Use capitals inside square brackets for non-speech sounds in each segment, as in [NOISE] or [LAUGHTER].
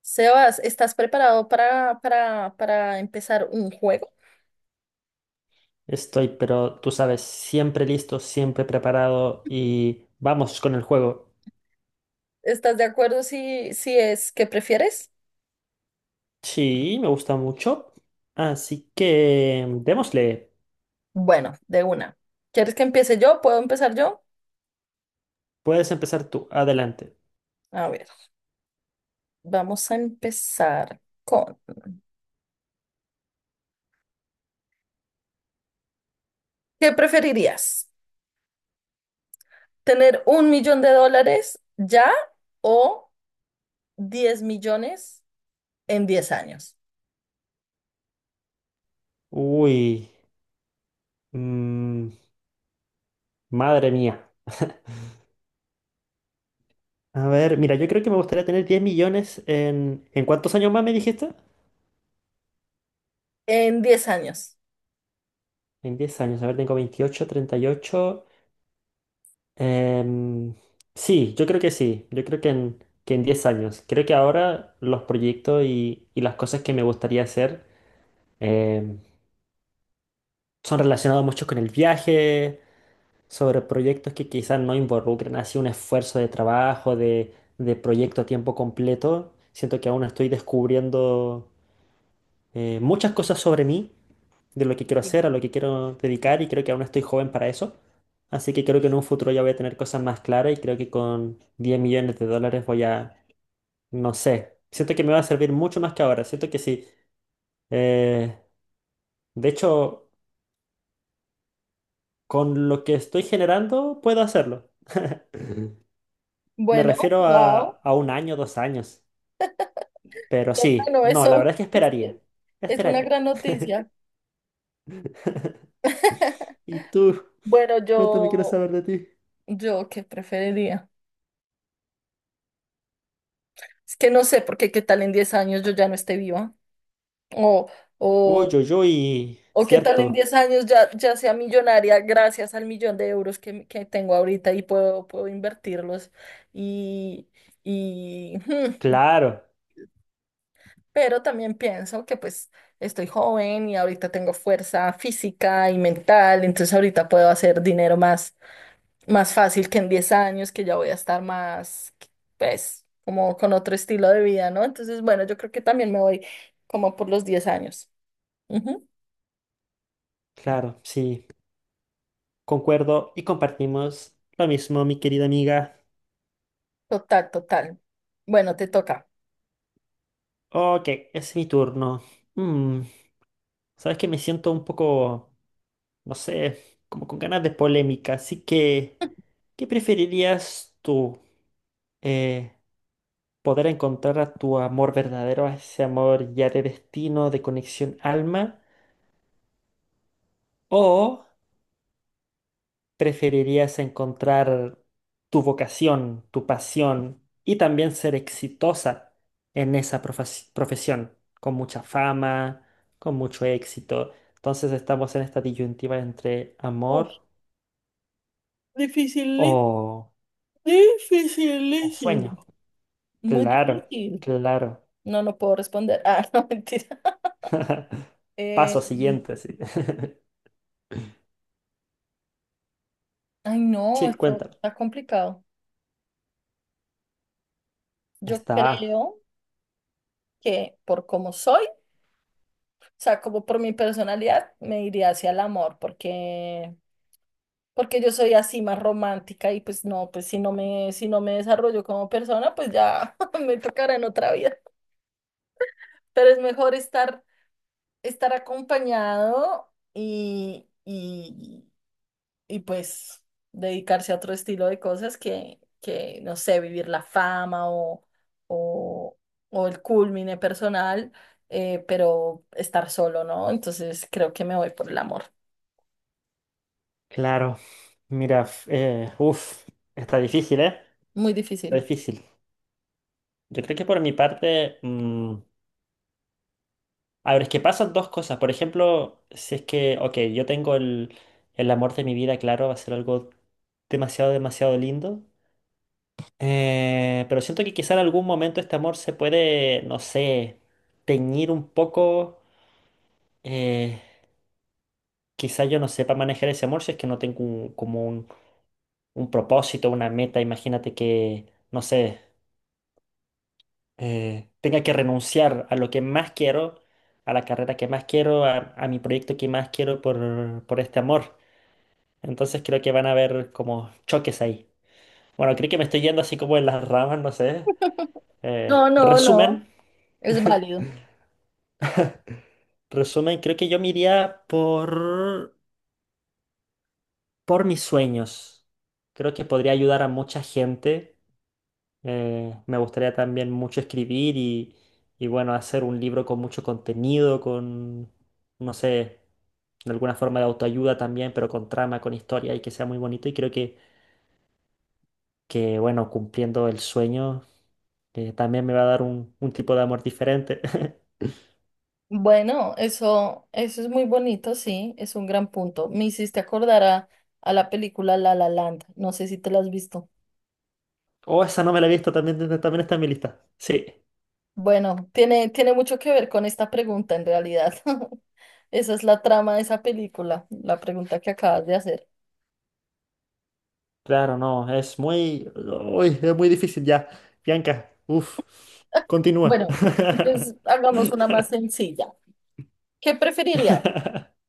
Sebas, ¿estás preparado para empezar un juego? Estoy, pero tú sabes, siempre listo, siempre preparado y vamos con el juego. ¿Estás de acuerdo si es que prefieres? Sí, me gusta mucho. Así que démosle. Bueno, de una. ¿Quieres que empiece yo? ¿Puedo empezar yo? Puedes empezar tú. Adelante. A ver, vamos a empezar con... ¿Qué preferirías? ¿Tener un millón de dólares ya o diez millones en 10 años? Uy, mm, madre mía. A ver, mira, yo creo que me gustaría tener 10 millones en... ¿En cuántos años más me dijiste? En 10 años. En 10 años. A ver, tengo 28, 38. Em, sí, yo creo que sí. Yo creo que en 10 años. Creo que ahora los proyectos y las cosas que me gustaría hacer em, son relacionados mucho con el viaje, sobre proyectos que quizás no involucren así un esfuerzo de trabajo, de proyecto a tiempo completo. Siento que aún estoy descubriendo, muchas cosas sobre mí, de lo que quiero Sí. hacer, a lo que quiero dedicar y creo que aún estoy joven para eso. Así que creo que en un futuro ya voy a tener cosas más claras y creo que con 10 millones de dólares voy a, no sé, siento que me va a servir mucho más que ahora, siento que sí. Eh, de hecho, con lo que estoy generando puedo hacerlo. Ujú. Me Bueno, refiero wow. a un año, 2 años. Pero sí, Bueno, no, la eso verdad es que esperaría. es una Esperaría. gran noticia. [LAUGHS] ¿Y tú? Bueno, Cuéntame, quiero yo, saber de ti. Yo qué preferiría. Es que no sé, porque qué tal en 10 años yo ya no esté viva. O, Uy, o, uy, uy, o qué tal en cierto. 10 años ya sea millonaria gracias al millón de euros que tengo ahorita y puedo invertirlos. Y, y, hmm, Claro, pero también pienso que pues estoy joven y ahorita tengo fuerza física y mental, entonces ahorita puedo hacer dinero más fácil que en 10 años, que ya voy a estar más, pues, como con otro estilo de vida, ¿no? Entonces, bueno, yo creo que también me voy como por los diez años. Ujú, claro, sí, concuerdo y compartimos lo mismo, mi querida amiga. total, total. Bueno, te toca. Ok, es mi turno. Mm, sabes que me siento un poco, no sé, como con ganas de polémica, así que, ¿qué preferirías tú? Eh, ¿Poder encontrar a tu amor verdadero, a ese amor ya de destino, de conexión alma? ¿O preferirías encontrar tu vocación, tu pasión y también ser exitosa en esa profesión, con mucha fama, con mucho éxito? Entonces estamos en esta disyuntiva entre Uf, amor difícil, o, o sueño. dificilísimo. Muy Claro, difícil. claro. No, no puedo responder. Ah, [LAUGHS] no, mentira. [LAUGHS] Eh, Paso siguiente, sí. [LAUGHS] Ay, no, Sí, esto cuéntame. está complicado. Yo Está, creo que por cómo soy, o sea, como por mi personalidad, me iría hacia el amor, porque yo soy así más romántica y pues no, pues si no me desarrollo como persona, pues ya [LAUGHS] me tocará en otra vida. Pero es mejor estar acompañado y pues dedicarse a otro estilo de cosas que no sé, vivir la fama o, o el culmine personal, pero estar solo, ¿no? Entonces creo que me voy por el amor. claro. Mira, uff, está difícil, ¿eh? Muy Está difícil. difícil. Yo creo que por mi parte, a ver, es que pasan dos cosas. Por ejemplo, si es que, ok, yo tengo el amor de mi vida, claro, va a ser algo demasiado, demasiado lindo. Pero siento que quizá en algún momento este amor se puede, no sé, teñir un poco. eh, quizá yo no sepa manejar ese amor si es que no tengo como un propósito, una meta. Imagínate que, no sé, tenga que renunciar a lo que más quiero, a la carrera que más quiero, a mi proyecto que más quiero por este amor. Entonces creo que van a haber como choques ahí. Bueno, creo que me estoy yendo así como en las ramas, no sé. [LAUGHS] Eh, No, no, no, resumen, es válido. resumen, creo que yo me iría por mis sueños. Creo que podría ayudar a mucha gente. Me gustaría también mucho escribir y bueno, hacer un libro con mucho contenido, con, no sé, de alguna forma de autoayuda también, pero con trama, con historia y que sea muy bonito. Y creo que bueno, cumpliendo el sueño, que también me va a dar un tipo de amor diferente. [LAUGHS] Bueno, eso es muy bonito, sí, es un gran punto. Me hiciste acordar a la película La La Land, no sé si te la has visto. Oh, esa no me la he visto, también, también está en mi lista. Sí, Bueno, tiene mucho que ver con esta pregunta en realidad. [LAUGHS] Esa es la trama de esa película, la pregunta que acabas de hacer. claro, no, es muy... uy, es muy difícil ya. Bianca, uff, continúa. Bueno, entonces hagamos una más [LAUGHS] sencilla. ¿Qué preferirías?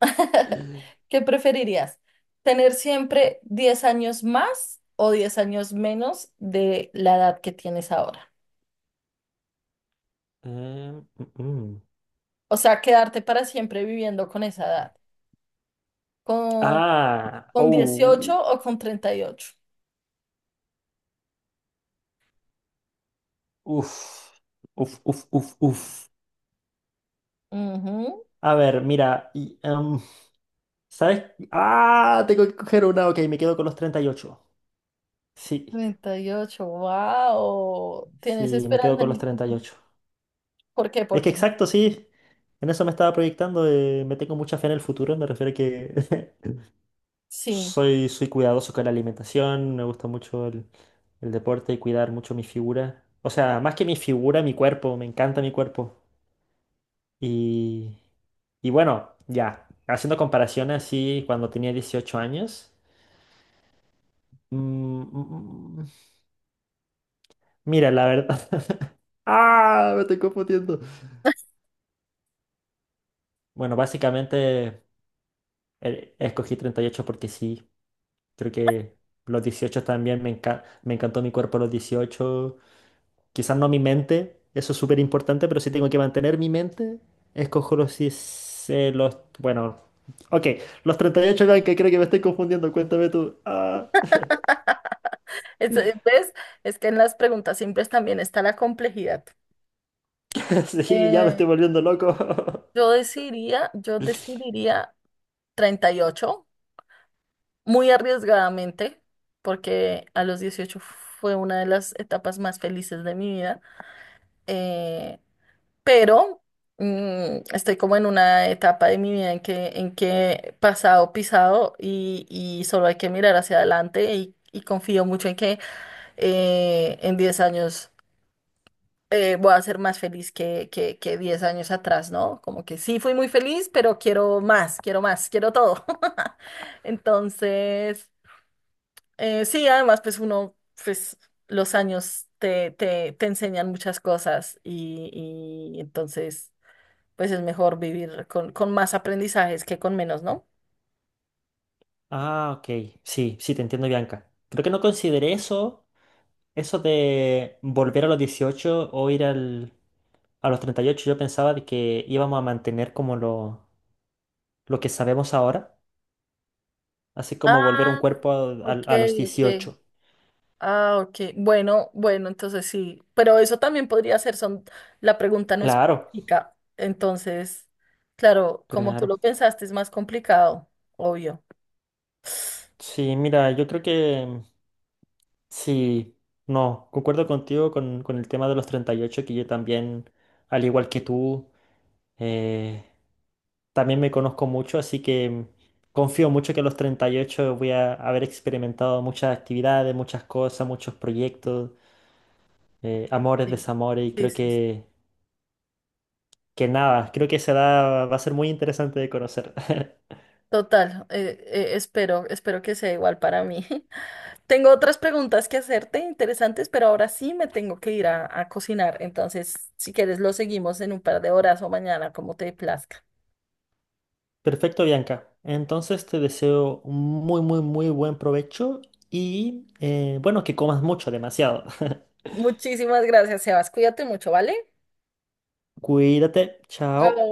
[LAUGHS] ¿Qué preferirías? ¿Tener siempre 10 años más o 10 años menos de la edad que tienes ahora? Mm, mm. O sea, quedarte para siempre viviendo con esa edad. ¿Con Ah, con oh, 18 o con 38? uff, uff, uff, uff, uff. Ujú, A ver, mira, y, ¿sabes? Ah, tengo que coger una, ok, me quedo con los 38. Sí, 38. Wow. ¿Tienes sí, me quedo esperanza con en los el treinta y futuro? ocho ¿Por qué? Es ¿Por que qué? exacto, sí. En eso me estaba proyectando. Me tengo mucha fe en el futuro. Me refiero a que [LAUGHS] Sí. soy cuidadoso con la alimentación. Me gusta mucho el deporte y cuidar mucho mi figura. O sea, más que mi figura, mi cuerpo. Me encanta mi cuerpo. Y, y bueno, ya. Haciendo comparaciones así, cuando tenía 18 años. mm, mm, mm, mira, la verdad. [LAUGHS] ¡Ah! Me estoy confundiendo. Bueno, básicamente escogí 38 porque sí. Creo que los 18 también me encantó mi cuerpo a los 18. Quizás no mi mente, eso es súper importante, pero si tengo que mantener mi mente, escojo los, 10, los, bueno, ok, los 38, que creo que me estoy confundiendo, cuéntame tú. Ah, ¿Ves? Es que en las preguntas simples también está la complejidad. [LAUGHS] sí, ya me Eh, estoy volviendo loco. [LAUGHS] Yo decidiría 38, muy arriesgadamente, porque a los 18 fue una de las etapas más felices de mi vida. Eh, pero mm, estoy como en una etapa de mi vida en que pasado, pisado y solo hay que mirar hacia adelante y confío mucho en que en 10 años voy a ser más feliz que 10 años atrás, ¿no? Como que sí fui muy feliz, pero quiero más, quiero más, quiero todo. [LAUGHS] Entonces, sí, además, pues uno, pues los años te enseñan muchas cosas y entonces pues es mejor vivir con más aprendizajes que con menos, ¿no? Ah, ok. Sí, sí, te entiendo, Bianca. Creo que no consideré eso de volver a los 18 o ir al, a los 38. Yo pensaba de que íbamos a mantener como lo que sabemos ahora, así como volver a un Ah, cuerpo a, ok, a los ok. 18. Ah, ok. Bueno, entonces sí. Pero eso también podría ser, son, la pregunta no Claro, explica. Entonces, claro, como tú lo claro. pensaste, es más complicado, obvio. Sí, mira, yo creo que sí, no, concuerdo contigo con el tema de los 38, que yo también, al igual que tú, eh, también me conozco mucho, así que confío mucho que a los 38 voy a haber experimentado muchas actividades, muchas cosas, muchos proyectos, amores, Sí, desamores, y sí, creo sí. que nada, creo que esa edad va a ser muy interesante de conocer. [LAUGHS] Total, espero que sea igual para mí. [LAUGHS] Tengo otras preguntas que hacerte interesantes, pero ahora sí me tengo que ir a cocinar. Entonces, si quieres, lo seguimos en un par de horas o mañana, como te plazca. Perfecto, Bianca. Entonces te deseo un muy, muy, muy buen provecho y bueno, que comas mucho, demasiado. Muchísimas gracias, Sebas. Cuídate mucho, ¿vale? [LAUGHS] Cuídate, Chao. chao.